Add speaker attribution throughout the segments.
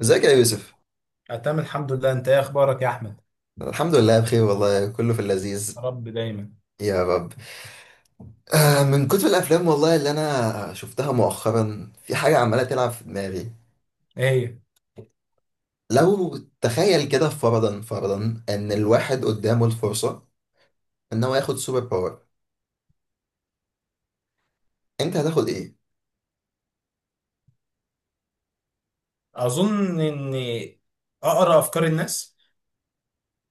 Speaker 1: ازيك يا يوسف؟
Speaker 2: أنا تمام الحمد لله، انت ايه اخبارك يا احمد؟
Speaker 1: الحمد لله بخير، والله كله في
Speaker 2: يا
Speaker 1: اللذيذ.
Speaker 2: رب دايما.
Speaker 1: يا رب. من كتر الافلام والله اللي انا شفتها مؤخرا، في حاجه عماله تلعب في دماغي.
Speaker 2: ايه؟
Speaker 1: لو تخيل كده فرضا ان الواحد قدامه الفرصه ان هو ياخد سوبر باور، انت هتاخد ايه؟
Speaker 2: اظن اني اقرا افكار الناس.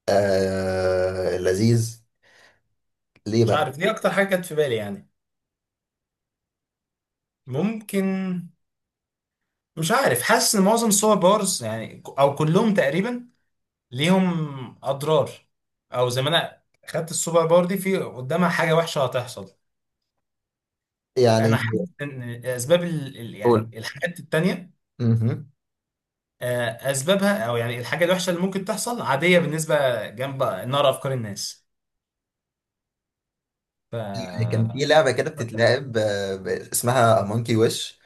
Speaker 1: آه لذيذ. ليه
Speaker 2: مش
Speaker 1: بقى؟
Speaker 2: عارف، دي اكتر حاجه كانت في بالي يعني. ممكن. مش عارف، حاسس ان معظم الصور بارز يعني، او كلهم تقريبا ليهم اضرار، او زي ما انا خدت السوبر باور دي، في قدامها حاجه وحشه هتحصل. انا
Speaker 1: يعني
Speaker 2: حاسس ان اسباب يعني
Speaker 1: قول.
Speaker 2: الحاجات التانيه.
Speaker 1: مهم.
Speaker 2: آه، اسبابها او يعني الحاجه الوحشه اللي ممكن تحصل عاديه بالنسبه جنب نار افكار الناس.
Speaker 1: كان في لعبه كده بتتلعب، اسمها مونكي ويش.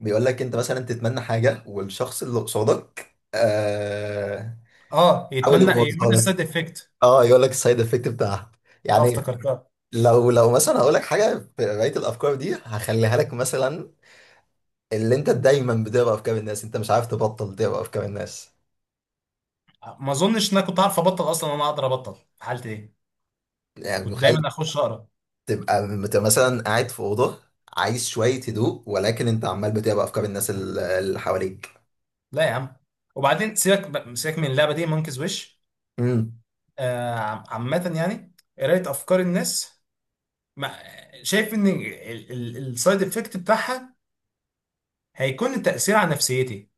Speaker 1: بيقول لك انت مثلا تتمنى حاجه، والشخص اللي قصادك آه،
Speaker 2: اه،
Speaker 1: حاول
Speaker 2: يتمنى يعمل
Speaker 1: يبوظها لك.
Speaker 2: السايد افكت.
Speaker 1: اه، يقول لك السايد افكت بتاعها.
Speaker 2: اه،
Speaker 1: يعني
Speaker 2: افتكرتها.
Speaker 1: لو مثلا هقول لك حاجه في بقيه الافكار دي، هخليها لك مثلا. اللي انت دايما بتقرا افكار الناس، انت مش عارف تبطل تقرا افكار الناس.
Speaker 2: ما اظنش ان انا كنت عارف ابطل اصلا، انا اقدر ابطل في حالتي دي؟
Speaker 1: يعني
Speaker 2: كنت
Speaker 1: متخيل،
Speaker 2: دايما اخش اقرا.
Speaker 1: تبقى مثلا قاعد في اوضه، عايز شويه هدوء، ولكن انت عمال بتقرا افكار الناس اللي حواليك.
Speaker 2: لا يا عم، وبعدين سيبك من اللعبه دي مونكيز ويش.
Speaker 1: امم،
Speaker 2: آه، عامه يعني قرايه افكار الناس، ما شايف ان السايد افكت بتاعها هيكون التاثير على نفسيتي.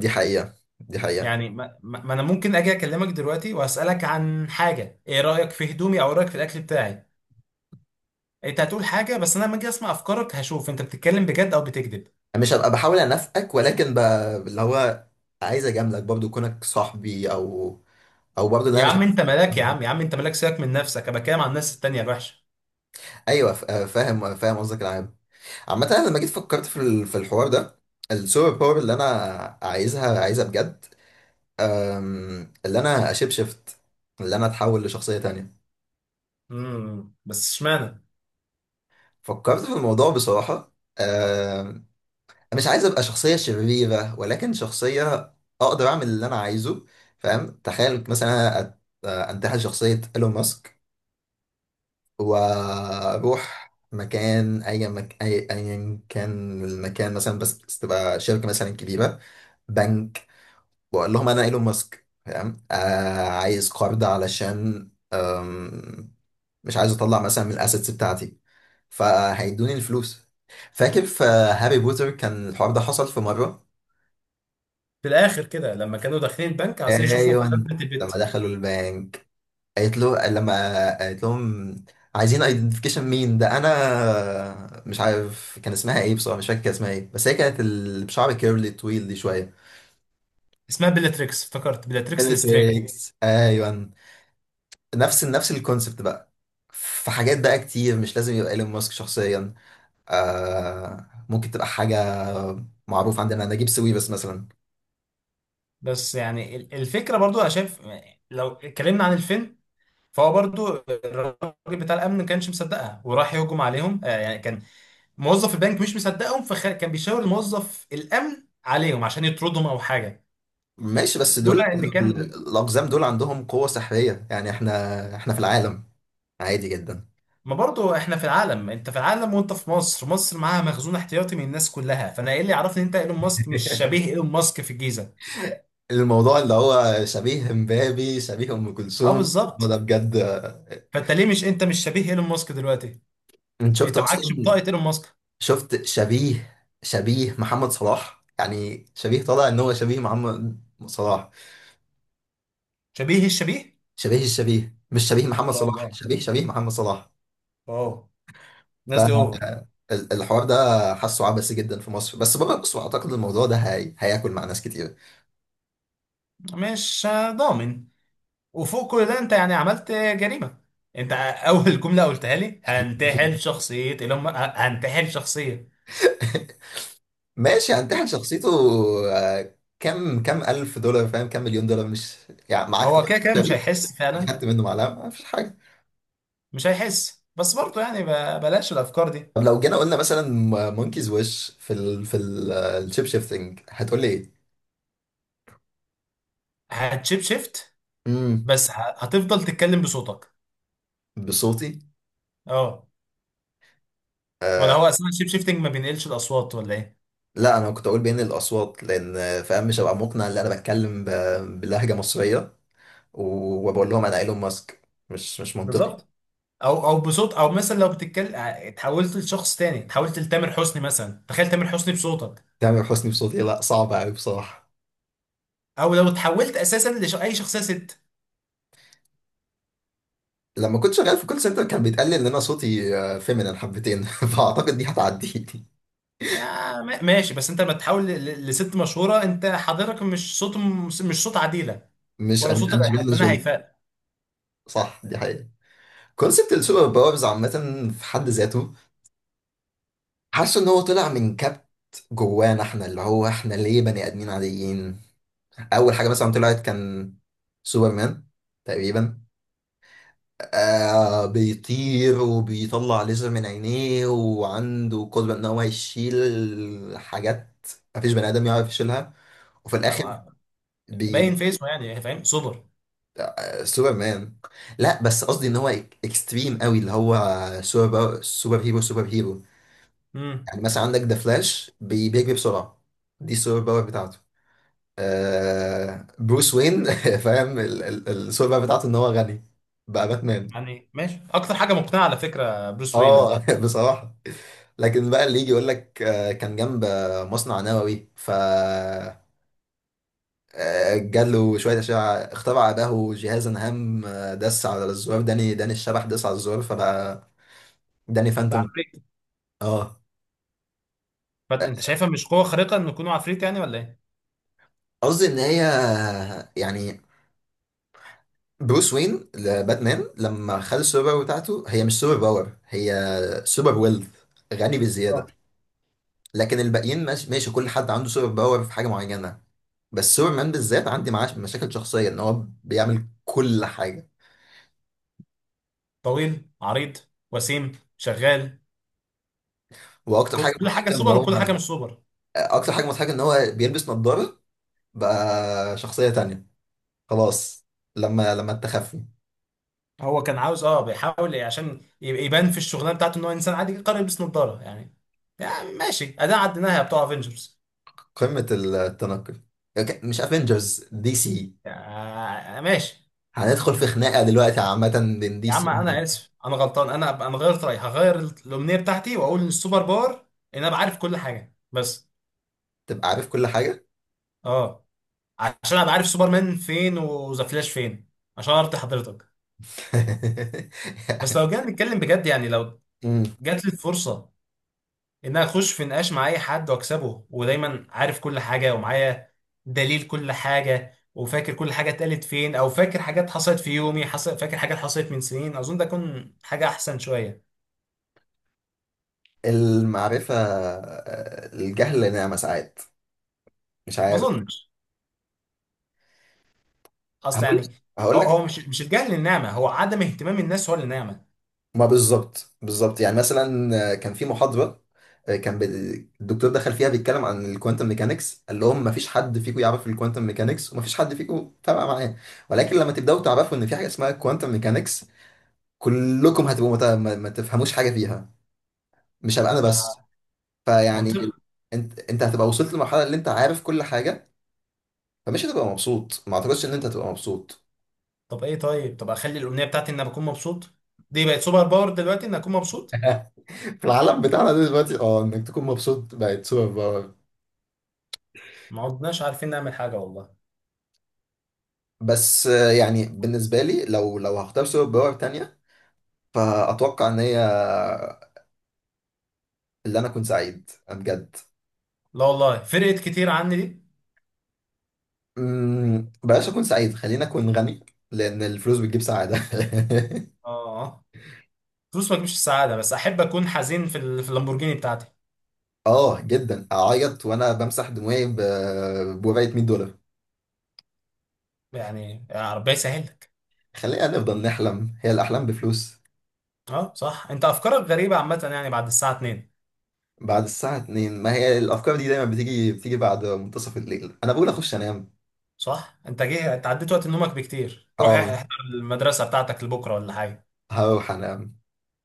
Speaker 1: دي حقيقه، دي حقيقه.
Speaker 2: يعني، ما انا ممكن اجي اكلمك دلوقتي واسالك عن حاجه، ايه رايك في هدومي او رايك في الاكل بتاعي. انت هتقول حاجه، بس انا لما اجي اسمع افكارك هشوف انت بتتكلم بجد او بتكذب.
Speaker 1: مش هبقى بحاول انافقك، ولكن اللي هو عايز اجاملك برضو كونك صاحبي، او او برضو لا
Speaker 2: يا
Speaker 1: مش
Speaker 2: عم
Speaker 1: عايز.
Speaker 2: انت ملاك، يا عم، يا عم انت ملاك، سيبك من نفسك، انا بتكلم عن الناس التانيه الوحشه.
Speaker 1: ايوه، فاهم فاهم قصدك العام. عامه، انا لما جيت فكرت في الحوار ده، السوبر باور اللي انا عايزها عايزها بجد. اللي انا اشيب شيفت، اللي انا اتحول لشخصيه تانية.
Speaker 2: بس اشمعنى.
Speaker 1: فكرت في الموضوع بصراحه، مش عايز ابقى شخصية شريرة، ولكن شخصية اقدر اعمل اللي انا عايزه. فاهم؟ تخيل مثلا انا انتحل شخصية ايلون ماسك، واروح مكان اي ايا كان المكان، مثلا بس تبقى شركة مثلا كبيرة، بنك، واقول لهم انا ايلون ماسك. فاهم؟ آه، عايز قرض علشان مش عايز اطلع مثلا من الاسيتس بتاعتي، فهيدوني الفلوس. فاكر في هاري بوتر كان الحوار ده حصل في مرة؟
Speaker 2: في الاخر كده لما كانوا داخلين البنك عايزين يشوفوا
Speaker 1: ايوه.
Speaker 2: خزنه
Speaker 1: لما
Speaker 2: البت.
Speaker 1: دخلوا البنك قالت له لما قالت لهم عايزين ايدنتيفيكيشن، مين ده؟ انا مش عارف كان اسمها ايه بصراحه، مش فاكر كان اسمها ايه، بس هي كانت اللي بشعر كيرلي طويل دي شويه.
Speaker 2: اسمها بيلاتريكس، افتكرت بيلاتريكس
Speaker 1: كيرلي
Speaker 2: ليسترينج.
Speaker 1: تويكس، ايوه. نفس الكونسبت بقى. في حاجات بقى كتير، مش لازم يبقى ايلون ماسك شخصيا، ممكن تبقى حاجه معروف عندنا، نجيب ساويرس مثلا.
Speaker 2: بس يعني الفكره، برضو انا شايف، لو اتكلمنا عن الفيلم، فهو برضو الراجل بتاع الامن ما كانش مصدقها وراح يهجم عليهم، يعني كان موظف البنك مش مصدقهم، فكان بيشاور الموظف الامن عليهم عشان يطردهم او حاجه،
Speaker 1: ماشي، بس دول
Speaker 2: لولا
Speaker 1: كانوا
Speaker 2: ان كان.
Speaker 1: الاقزام دول عندهم قوه سحريه، يعني احنا في العالم عادي جدا.
Speaker 2: ما برضه احنا في العالم، انت في العالم وانت في مصر، مصر معاها مخزون احتياطي من الناس كلها، فانا ايه اللي يعرفني ان انت ايلون ماسك مش شبيه ايلون ماسك في الجيزه؟
Speaker 1: الموضوع اللي هو شبيه امبابي، شبيه ام
Speaker 2: اه،
Speaker 1: كلثوم، هو ده
Speaker 2: بالظبط.
Speaker 1: بجد. آه،
Speaker 2: فانت ليه مش انت مش شبيه ايلون ماسك دلوقتي،
Speaker 1: انت شفت
Speaker 2: انت معكش
Speaker 1: اصلا؟
Speaker 2: بطاقه ايلون ماسك.
Speaker 1: شفت شبيه، شبيه محمد صلاح، يعني شبيه طالع ان هو شبيه محمد صلاح.
Speaker 2: شبيه الشبيه.
Speaker 1: شبيه الشبيه، مش شبيه
Speaker 2: ان
Speaker 1: محمد
Speaker 2: شاء
Speaker 1: صلاح،
Speaker 2: الله.
Speaker 1: شبيه شبيه محمد صلاح.
Speaker 2: اه، الناس دي اوفر.
Speaker 1: فالحوار ده حاسه عبثي جدا في مصر، بس بره مصر اعتقد الموضوع ده هياكل مع ناس كتير.
Speaker 2: مش ضامن. وفوق كل ده انت يعني عملت جريمه، انت اول جمله قلتها لي هنتحل شخصيه ايلون ما- هنتحل شخصيه.
Speaker 1: ماشي، هنتحل شخصيته. آه، كم ألف دولار، فاهم، كم مليون دولار، مش يعني معاك،
Speaker 2: هو كده كده مش هيحس
Speaker 1: يعني
Speaker 2: فعلا.
Speaker 1: خدت منه معلقه، ما فيش حاجه.
Speaker 2: مش هيحس، بس برضه يعني بلاش الافكار دي.
Speaker 1: طب لو جينا قلنا مثلا مونكيز ويش في الشيب شيفتنج، هتقول لي ايه؟
Speaker 2: هتشيب شيفت،
Speaker 1: امم،
Speaker 2: بس هتفضل تتكلم بصوتك.
Speaker 1: بصوتي.
Speaker 2: اه. ولا هو اصلا الشيب شيفتنج ما بينقلش الاصوات ولا ايه؟
Speaker 1: لا، انا كنت اقول بين الاصوات، لان فاهم مش هبقى مقنع ان انا بتكلم بلهجه مصريه وبقول لهم انا ايلون ماسك، مش منطقي.
Speaker 2: بالظبط. او بصوت، او مثلا لو بتتكلم اتحولت لشخص تاني، اتحولت لتامر حسني مثلا، تخيل تامر حسني بصوتك.
Speaker 1: تامر حسني بصوتي؟ لا صعب قوي بصراحه.
Speaker 2: او لو اتحولت اساسا لاي شخصيه ست.
Speaker 1: لما كنت شغال في كول سنتر، كان بيتقال لي ان انا صوتي آه، فيمينين حبتين. فاعتقد دي هتعدي.
Speaker 2: يا ما- ماشي، بس انت لما تتحول لست مشهوره، انت حضرتك مش صوت، مش صوت عديله،
Speaker 1: مش
Speaker 2: ولا
Speaker 1: مش
Speaker 2: صوت
Speaker 1: انجلينا
Speaker 2: الفنان
Speaker 1: جولي.
Speaker 2: هيفاء.
Speaker 1: صح، دي حقيقة. كونسبت السوبر باورز عامة في حد ذاته، حاسه ان هو طلع من كبت جوانا، احنا اللي هو احنا ليه بني ادمين عاديين. اول حاجه مثلا طلعت كان سوبرمان تقريبا. آه، بيطير، وبيطلع ليزر من عينيه، وعنده قدره ان هو يشيل حاجات مفيش بني ادم يعرف يشيلها. وفي الاخر
Speaker 2: آه،
Speaker 1: بي... بي-
Speaker 2: باين في اسمه يعني، فاهم، صدر.
Speaker 1: سوبرمان. لا، بس قصدي ان هو اكستريم قوي، اللي هو سوبر هيرو سوبر هيرو. يعني مثلا عندك ذا فلاش بيجري بسرعه، دي السوبر باور بتاعته. آه، بروس وين. فاهم السوبر بتاعته ان هو غني، بقى باتمان.
Speaker 2: يعني ماشي، اكتر حاجه مقنعه على فكره بروس وين
Speaker 1: اه.
Speaker 2: ده.
Speaker 1: بصراحة، لكن بقى اللي يجي يقول لك آه، كان جنب آه، مصنع نووي آه، جاله شوية أشعة، اخترع له جهازا هام، آه، دس على الزرار، داني داني الشبح دس على الزرار، فبقى داني
Speaker 2: ده
Speaker 1: فانتوم.
Speaker 2: عفريت.
Speaker 1: اه،
Speaker 2: انت شايفها مش قوه خارقه انه يكون عفريت يعني، ولا ايه؟
Speaker 1: قصدي ان هي، يعني بروس وين لباتمان لما خد السوبر باور بتاعته، هي مش سوبر باور، هي سوبر ويلث. غني بالزيادة.
Speaker 2: اه،
Speaker 1: لكن الباقيين ماشي، ماشي، كل حد عنده سوبر باور في حاجه معينه. بس سوبر مان بالذات عندي معاه مشاكل شخصيه ان هو بيعمل كل حاجه.
Speaker 2: طويل عريض، وسيم شغال،
Speaker 1: واكتر حاجه
Speaker 2: كل حاجه
Speaker 1: مضحكه ان
Speaker 2: سوبر
Speaker 1: هو
Speaker 2: وكل حاجه مش سوبر.
Speaker 1: اكتر حاجه مضحكه ان هو بيلبس نظاره، بقى شخصيه تانية. خلاص. لما التخفي.
Speaker 2: هو كان عاوز، بيحاول إيه عشان يبان في الشغلانه بتاعته ان هو انسان عادي، قرر يلبس نظاره يعني. يعني ماشي، اداء عدناها يا بتوع افنجرز.
Speaker 1: قمه التنقل. مش افنجرز، دي سي.
Speaker 2: يعني ماشي.
Speaker 1: هندخل في خناقه دلوقتي عامه بين دي
Speaker 2: يا عم
Speaker 1: سي.
Speaker 2: انا اسف، انا غلطان، انا غيرت رايي، هغير الامنيه بتاعتي، واقول ان السوبر باور ان انا بعرف كل حاجه بس.
Speaker 1: تبقى عارف كل حاجه.
Speaker 2: اه، عشان ابقى عارف سوبرمان فين وذا فلاش فين، عشان ارضي حضرتك. بس لو جينا نتكلم بجد، يعني لو
Speaker 1: أمم.
Speaker 2: جات لي الفرصه ان أنا اخش في نقاش مع اي حد واكسبه، ودايما عارف كل حاجه، ومعايا دليل كل حاجه، وفاكر كل حاجه اتقالت فين، او فاكر حاجات حصلت في يومي حصل، فاكر حاجات حصلت من سنين، اظن ده يكون حاجه احسن شويه.
Speaker 1: المعرفه، آه، الجهل نعمه ساعات، مش
Speaker 2: ما
Speaker 1: عارف.
Speaker 2: اظنش، اصل
Speaker 1: هقول
Speaker 2: يعني
Speaker 1: هقول
Speaker 2: هو
Speaker 1: لك،
Speaker 2: هو مش الجهل النعمه، هو عدم اهتمام الناس هو اللي نعمه.
Speaker 1: ما بالظبط بالظبط، يعني مثلا كان في محاضره آه، الدكتور دخل فيها بيتكلم عن الكوانتم ميكانكس، قال لهم ما فيش حد فيكم يعرف الكوانتم ميكانكس، وما فيش حد فيكم تابع معاه، ولكن لما تبداوا تعرفوا ان في حاجه اسمها كوانتم ميكانكس، كلكم هتبقوا ما تفهموش حاجه فيها، مش هبقى انا بس.
Speaker 2: آه،
Speaker 1: فيعني
Speaker 2: منطقي.
Speaker 1: انت هتبقى وصلت للمرحله اللي انت عارف كل حاجه، فمش هتبقى مبسوط، ما اعتقدش ان انت هتبقى مبسوط.
Speaker 2: طب ايه طيب طب اخلي الامنيه بتاعتي ان انا بكون مبسوط، دي بقت سوبر باور دلوقتي ان اكون مبسوط.
Speaker 1: في العالم بتاعنا ده دلوقتي، اه، انك تكون مبسوط بقت سوبر باور.
Speaker 2: ما عدناش عارفين نعمل حاجه والله.
Speaker 1: بس آه، يعني بالنسبة لي لو هختار سوبر باور تانية، فأتوقع إن هي اللي أنا أكون سعيد بجد.
Speaker 2: لا والله، فرقت كتير عني دي.
Speaker 1: أمم، بلاش أكون سعيد، خليني أكون غني، لأن الفلوس بتجيب سعادة.
Speaker 2: اه، فلوس ما تجيبش السعاده، بس احب اكون حزين في اللامبورجيني بتاعتي.
Speaker 1: آه جدا، أعيط وأنا بمسح دموعي بورقة $100.
Speaker 2: يعني يا رب يسهلك.
Speaker 1: خلينا نفضل نحلم، هي الأحلام بفلوس.
Speaker 2: اه صح، انت افكارك غريبه عامه يعني، بعد الساعه 2؟
Speaker 1: بعد الساعة 2، ما هي الأفكار دي دايما بتيجي بتيجي بعد منتصف الليل، أنا بقول أخش أنام.
Speaker 2: صح انت جه، انت عديت وقت نومك بكتير، روح
Speaker 1: آه،
Speaker 2: احضر المدرسه بتاعتك لبكره ولا حاجه؟
Speaker 1: هروح أنام.